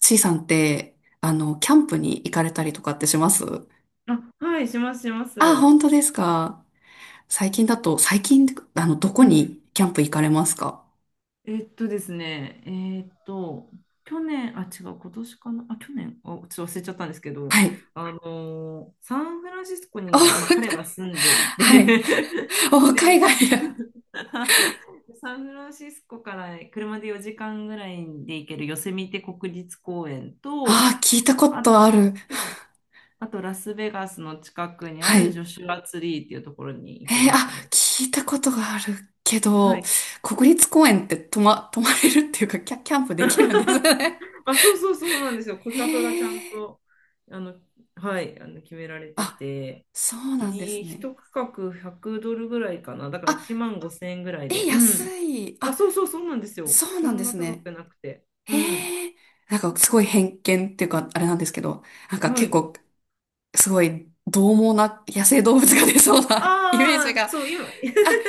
C さんって、キャンプに行かれたりとかってします？あ、はい、します、しまあ、す。本当ですか。最近、どこうん。にキャンプ行かれますか？えっとですね、えっと、去年、あ、違う、今年かな、あ、去年、あ、ちょっと忘れちゃったんですけど、はい。サンフランシスコお、に今、彼が住んで はい。て、 お、海で、外。サンフランシスコから車で4時間ぐらいで行けるヨセミテ国立公園と、ああ、聞いたこあ、とある。あとラスベガスの近くにあはるジい。ョシュアツリーっていうところに行きましあ、たね。聞いたことがあるけはど、い。国立公園って泊まれるっていうか、キャンプできるんです ね。あ、そうそうそうなんですよ。価へ格がちゃんえ。と、あの、はい、あの決められてあ、て、そうなんでいすいね。一区画100ドルぐらいかな。だからあ、1万5千円ぐらいで。え、う安ん。い。あ、あ、そうそうそうなんですよ。そうそなんんでなす高ね。くなくて。うん。へえ、なんかすごい偏見っていうか、あれなんですけど、なんかは結い。構すごい獰猛な野生動物が出そうな イメージああ、が、そう、今、あ、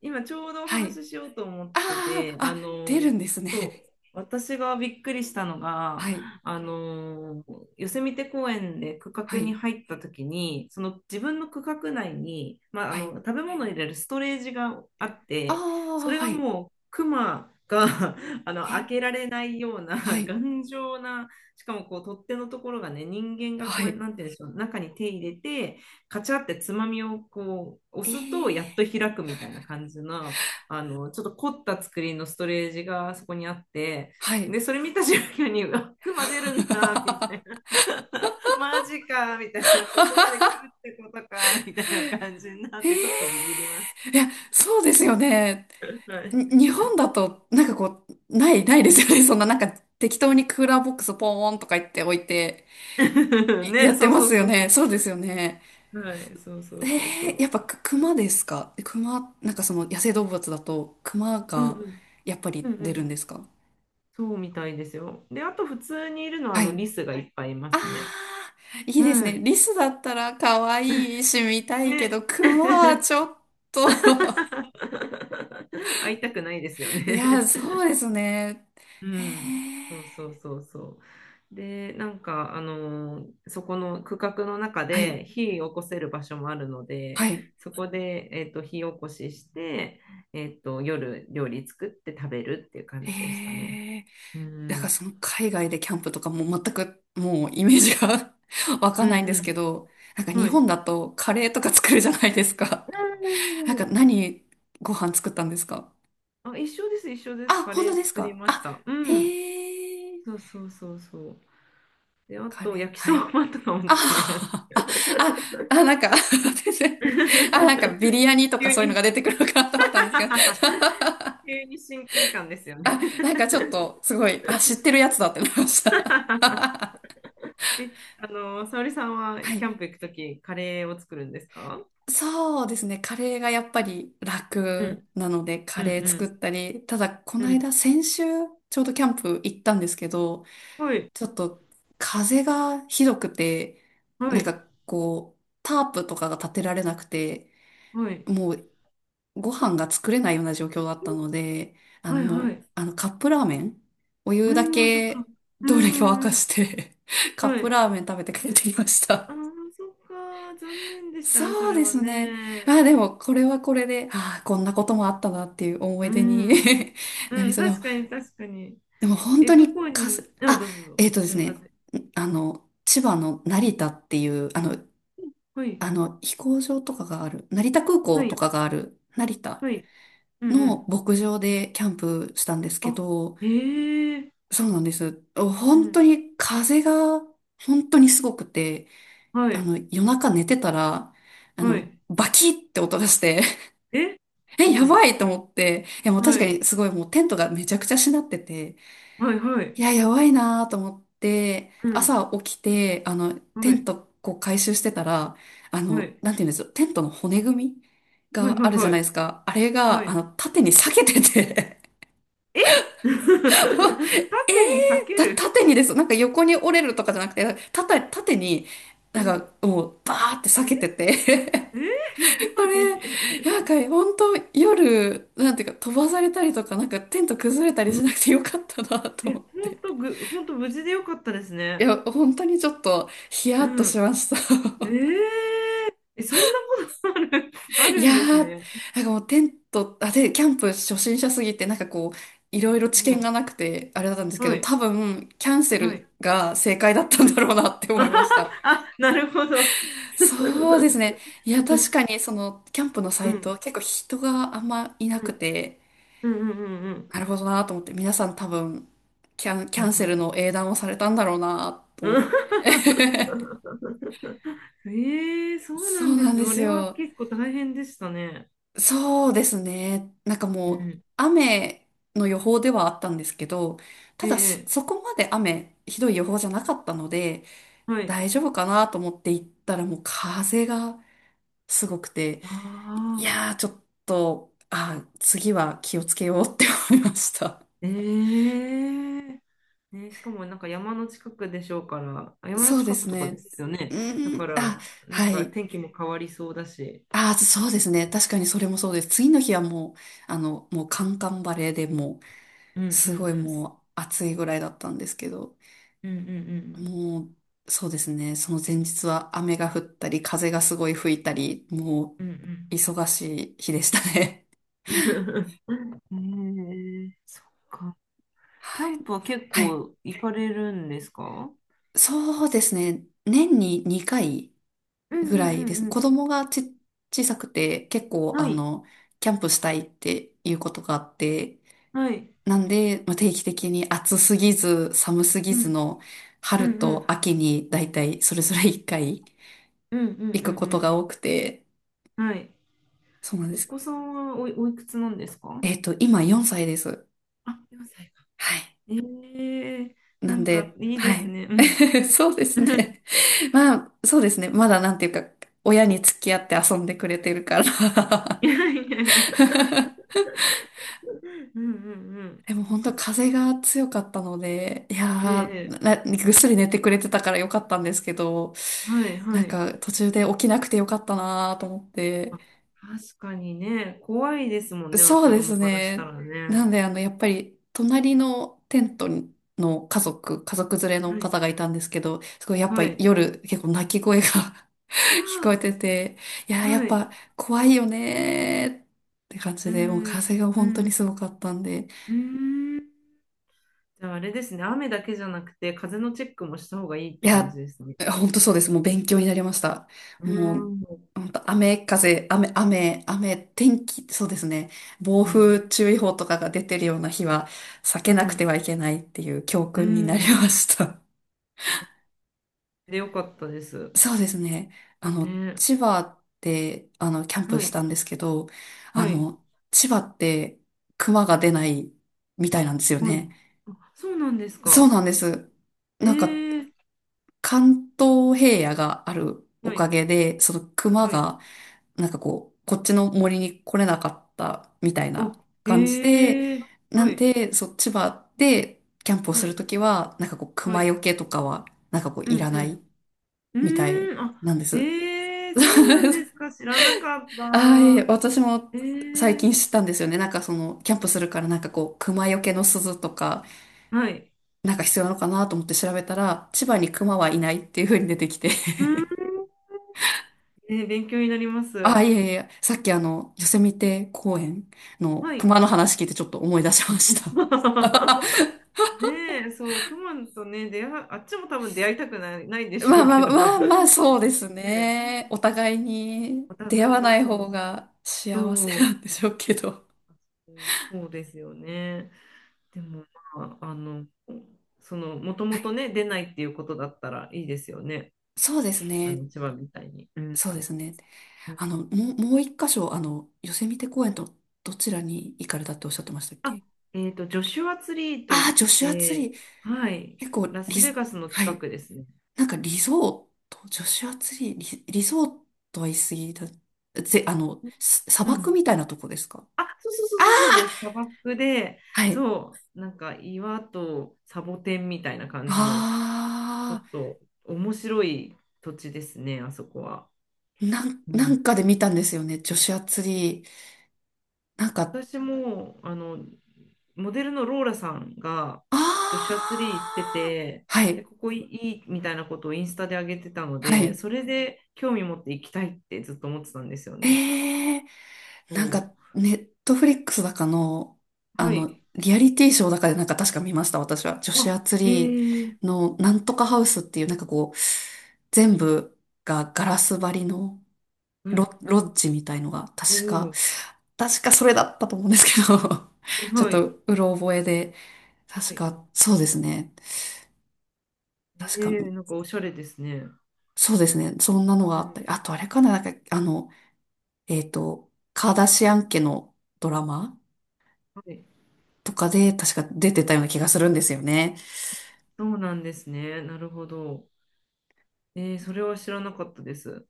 今ちょうどおはい。話ししようと思っあてあ、て、あ、出るんですそう、ね。私がびっくりしたのが、はい、あの、ヨセミテ公園で区は画にい、入った時に、その自分の区画内に、はい。食べ物を入れるストレージがあっあて、そあ、れはがい。もうクマが あの開けえ、られないような は い、頑丈な、しかもこう取っ手のところがね、人間がこはう、い。なんていうんでしょう、中に手入れて、カチャってつまみをこうえ押すとえ、やっと開くみたいな感じの、ちょっと凝った作りのストレージがそこにあって、はい。で、それ見た瞬間に、うわ、クマ出るんだ、みた いな マジか、みたいな。ここまで来るってことか、みたいな感じになっえて、ちょっとビえ、ビります。いや、そうですよね。はい。日本だと、なんかこう、ないですよね。そんななんか適当にクーラーボックスポーンとか言っておいて、いやね、ってそうまそすうよそうそね。う。そうですよね。はい、そうそうそうそう。やっぱく、熊ですか、熊、なんかその野生動物だと熊うんうがん。やっぱうりんう出るんでん。すか？そうみたいですよ。で、あと普通にいるのは、はい。リスがいっぱいいますね。あー、いいうですね。ん。リスだったら可愛いし見たいけね。ど、熊は ちょっと。 会いたくないですよいね。や、そうですね。うえん。そうそー、うそうそう。で、そこの区画の中はい、で火起こせる場所もあるので、はい。そこで、火起こしして、夜料理作って食べるっていう感えじでしたね。ーうだからん。その海外でキャンプとかもう全くもうイメージが わかうんないんですけんど、なんかうん。日は本い。だとカレーとか作るじゃないですか。う なんかん、何ご飯作ったんですか？あ、一緒です、一緒です。あ、カ本レ当ーです作りか。ましあ、た。うへん。え、そうそうそうそう。で、あカレと、ー、焼きはそい。ばとかもあ、作りました。あ、あ、あ、なんか 全然、あ、なんかビ リヤニとか急そういうのに が出てくるのかなと思ったんですけど、急に親近感ですよね。 あ、なんかちょっとすごい、あ、知っ てるやつだってなりました。え、沙織さんははキャンい。プ行くとき、カレーを作るんですか？そうですね。カレーがやっぱりうん、楽なので、カうレー作ん、ったり、ただ、こうのん、うん。間、先週、ちょうどキャンプ行ったんですけど、はい、ちょっと、風がひどくて、はなんい、かこう、タープとかが立てられなくて、はい、もう、ご飯が作れないような状況だったので、はい、もはう、い。カップラーメン、おう湯だん、そっか。け、うん、どれか沸うんうかん、して カはップい。ラーメン食べて帰ってきましあー、た。そっか。うんうんうん、はい、ああ、そっか、残念でしたね、そそうれではすね。ね。あ、でも、これはこれで、ああ、こんなこともあったなっていう思うい出に ん、なうりん、そう。でも、確かに、確かに。でも本え、当にどこに、あ、あ、どうぞ、どうぞ。えっとでうすん、ね、風。千葉の成田っていう、はい、飛行場とかがある、成田空港はとい。かがある、成田はい。うんうのん。牧場でキャンプしたんですあ、けど、へえ。そうなんです。う本当ん。に風が本当にすごくて、はい。夜中寝てたら、はい。バキって音がして え、 え、うやばん。いと思って、いやもう確はかい。にすごいもうテントがめちゃくちゃしなってて、はいはいい。や、やばいなーと思って、うん。朝起きて、はテンい。トこう回収してたら、はい。なんて言うんですよ、テントの骨組みはいがはあいるじゃはないでい。すか。あれはが、い。縦に裂けてて。 え。 え縦に裂ける。縦にです。なんか横に折れるとかじゃなくて、縦に、うなんかん。もうバーって裂けてえて、ー、やそばれ、なんい。か本当夜、なんていうか飛ばされたりとか、なんかテント崩れたりしなくてよかったなとえ、思っほて。んとぐ、ほんと無事でよかったですいね。や、本当にちょっとヒヤうッとしん。ました。え ー、えそんなことある、あいるやんですー、ね。なんかもうテント、あ、で、キャンプ初心者すぎて、なんかこう、いろいろう知見がん。なくて、あれだったんですけはど、い。多分、キャンセはルい。が正解だったはんい。だろうなって あ思いはました。はあ、なるほど。そうですね。いや、確かに、その、キャンプのサうん。イうん。ト、結構人があんまいなくて、うん。うん。うん。なるほどなと思って、皆さん多分、キはャいンセはい。ルの英断をされたんだろうな とう思って。ん、ええ、そうなそんうでなす。んでそすれはよ。結構大変でしたね。そうですね。なんかうもう、ん。雨の予報ではあったんですけど、ただそ、ええ、そこまで雨、ひどい予報じゃなかったので、はい。大丈夫かなと思って行ったらもう風がすごくて、あいあ、やーちょっと、あー、次は気をつけようって思いました。ええ、ね、しかもなんか山の近くでしょうから、あ、山のそうで近すくとかでね。すようね。だーかん、あ、ら、なんはかい。天気も変わりそうだし。ああ、そうですね。確かにそれもそうです。次の日はもう、もうカンカンバレーでもう、うんうすんごいうん。もう暑いぐらいだったんですけど、うんうんもう、そうですね。その前日は雨が降ったり、風がすごい吹いたり、もうんうん。うう、ん忙しい日でしたね。うん。えー、そっか。キャはンい。プは結はい。構行かれるんですか？そうですね。年に2回うんうんぐらいうですね。んうん。子供がち、小さくて、結構、はい、キャンプしたいっていうことがあって、はい、なんで、まあ、定期的に暑すぎず寒すぎうずん、のう春んうんと秋にだいたいそれぞれ1回うんうん行うくことんが多くて、うん。はい。そうなんでおす。子さんはおい、おいくつなんですか？えっと、今4歳です。あ、4歳か。はい。えー、ななんんかで、いいではすい。ね。うん。そうです ね。まあ、そうですね。まだなんていうか、親に付き合って遊んでくれてるかいら。 やいやいや。うんうんうん。でもそっ本か当そっか。風が強かったので、いやええ、ー、ぐっすり寝てくれてたからよかったんですけど、はいなはんい。か途中で起きなくてよかったなーと思って。確かにね、怖いですもんね、そう子で供すからしたね。らなね。んでやっぱり隣のテントの家族連れのはい方がいたんですけど、すごいやっぱはい。夜結構泣き声が 聞あこえてて、いやあ、ーやはっい。ぱ怖いよねーって感うじで、もうん、風がう本当にん、すごかったんで、うん。じゃああれですね、雨だけじゃなくて、風のチェックもした方がいいっいて感じや、ですね。本当そうです。もう勉強になりました。うもう、ん、本当雨風、雨、天気、そうですね。暴うん、風注意報とかが出てるような日は避けうなくてん、はいけないっていう教う訓になりん。ました。で、よかったで す。そうですね。ね、千葉で、キャンプはしい、たんですけど、あはい、の、千葉って熊が出ないみたいなんですよはい。ね。そうなんですそうか。なんです。えなんかー、関東平野があるはおかい、げで、その熊はい。が、なんかこう、こっちの森に来れなかったみたいあ、なえ感じで、ー、なはんい、で、そう、千葉でキャンプをすはるい、ときは、なんかこう、は熊い。よけとかは、なんかこう、ういん、らうないん。うみたいーん、あ、なんでえす。ー、そうなんですか。知らなかっああ、いえ、た。私もえ最ー、近知ったんですよね。なんかその、キャンプするからなんかこう、熊よけの鈴とか、はい。なんか必要なのかなと思って調べたら、千葉に熊はいないっていう風に出てきて、うーん、ね、勉強になりまあ、す。いやいやいや、さっきヨセミテ公園のは熊い。の話聞いてちょっと思い出しました。ねえ、そう、クマとね、出会う、あっちも多分出会いたくない、ないで しょまあうまあけど、ま あまあ、そうで人す間ね、ね。お互いにお出会互いわにないそう方そう、が幸せなそんでしょうけど。う、そうですよね。でも、まあ、あの、もとはもとい、ね、出ないっていうことだったらいいですよね。そうですね。千葉みたいに。うん。そうですね。うん、もう一箇所、ヨセミテ公園とどちらに行かれたっておっしゃってましたっあ、け？ジョシュアツリーとああいー、っジョシュアツリて、ー。はい、結構ラスリベス、ガスのは近い。くですね。なんかリゾート、女子アツリ、リ、リゾートは言い過ぎだ。砂う漠ん。みたいなとこですか？あ、そうそうそうあ、そうそうです。砂漠で、はい。そう、なんか岩とサボテンみたいな感じの、ちょあっと面白い土地ですね、あそこは。あ、うなん、んかで見たんですよね。女子アツリー。なんか、私も、モデルのローラさんがあジョシュアツリー行ってあ、て、はで、い、ここいいみたいなことをインスタで上げてたのはで、い。それで興味持って行きたいってずっと思ってたんですよね。ええ、そなんか、ネットフリックスだかの、う。はい。リアリティショーだかでなんか確か見ました、私は。女子あ、アツえリー、ーのなんとかハウスっていう、なんかこう、全部がガラス張りのうん、ロッジみたいのが、お確か、ー、確かそれだったと思うんですけど、え、ちょっはい。とうろ覚えで、は確い。か、そうですね。え確か、ー、なんかおしゃれですね。そうですね。そんなのがうあっん、たり、あとあれかな、なんか、カーダシアン家のドラマはい。とかで確か出てたような気がするんですよね。そうなんですね。なるほど。えー、それは知らなかったです。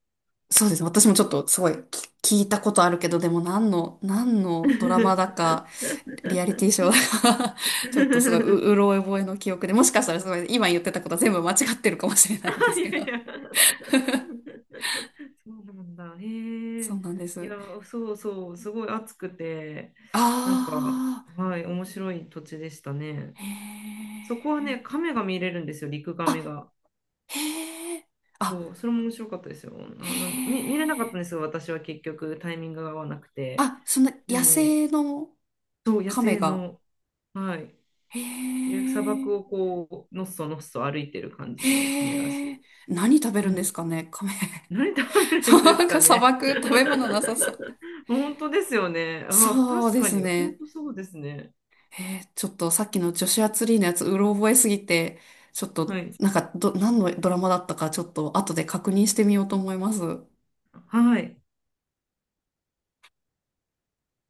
そうですね。私もちょっとすごい聞いたことあるけど、でも何 のドラマだいか、リアリティショーだか ちょっとすごい、うろ覚えの記憶で、もしかしたらすごい、今言ってたことは全部間違ってるかもしれないんですけやいど。や。そうなんだ。へ え。そうなんでいす。や、そうそう、すごい暑くて、あなんか、はい、面白い土地でしたね。ー、へそこはー。ね、亀が見れるんですよ、陸亀あ、が。へー。あ、そう、それも面白かったですよ。へ見、見れなかったー。んですよ、私は結局、タイミングが合わなくて。あ、そんなで野も、生のそう、野亀生が。の、はい。へで砂漠ー。をこう、のっそのっそ歩いてる感じのカメらしへえ、い。何食べうるんですん。かね、カメ。何食べ るんでなすんかか砂ね。漠、食べ物なさそう。本当ですよね。あ、そう確でかすに、本ね。当そうですね。えー、ちょっとさっきの女子アツリーのやつ、うろ覚えすぎて、ちょっはと、い。なんか、何のドラマだったか、ちょっと後で確認してみようと思います。はい。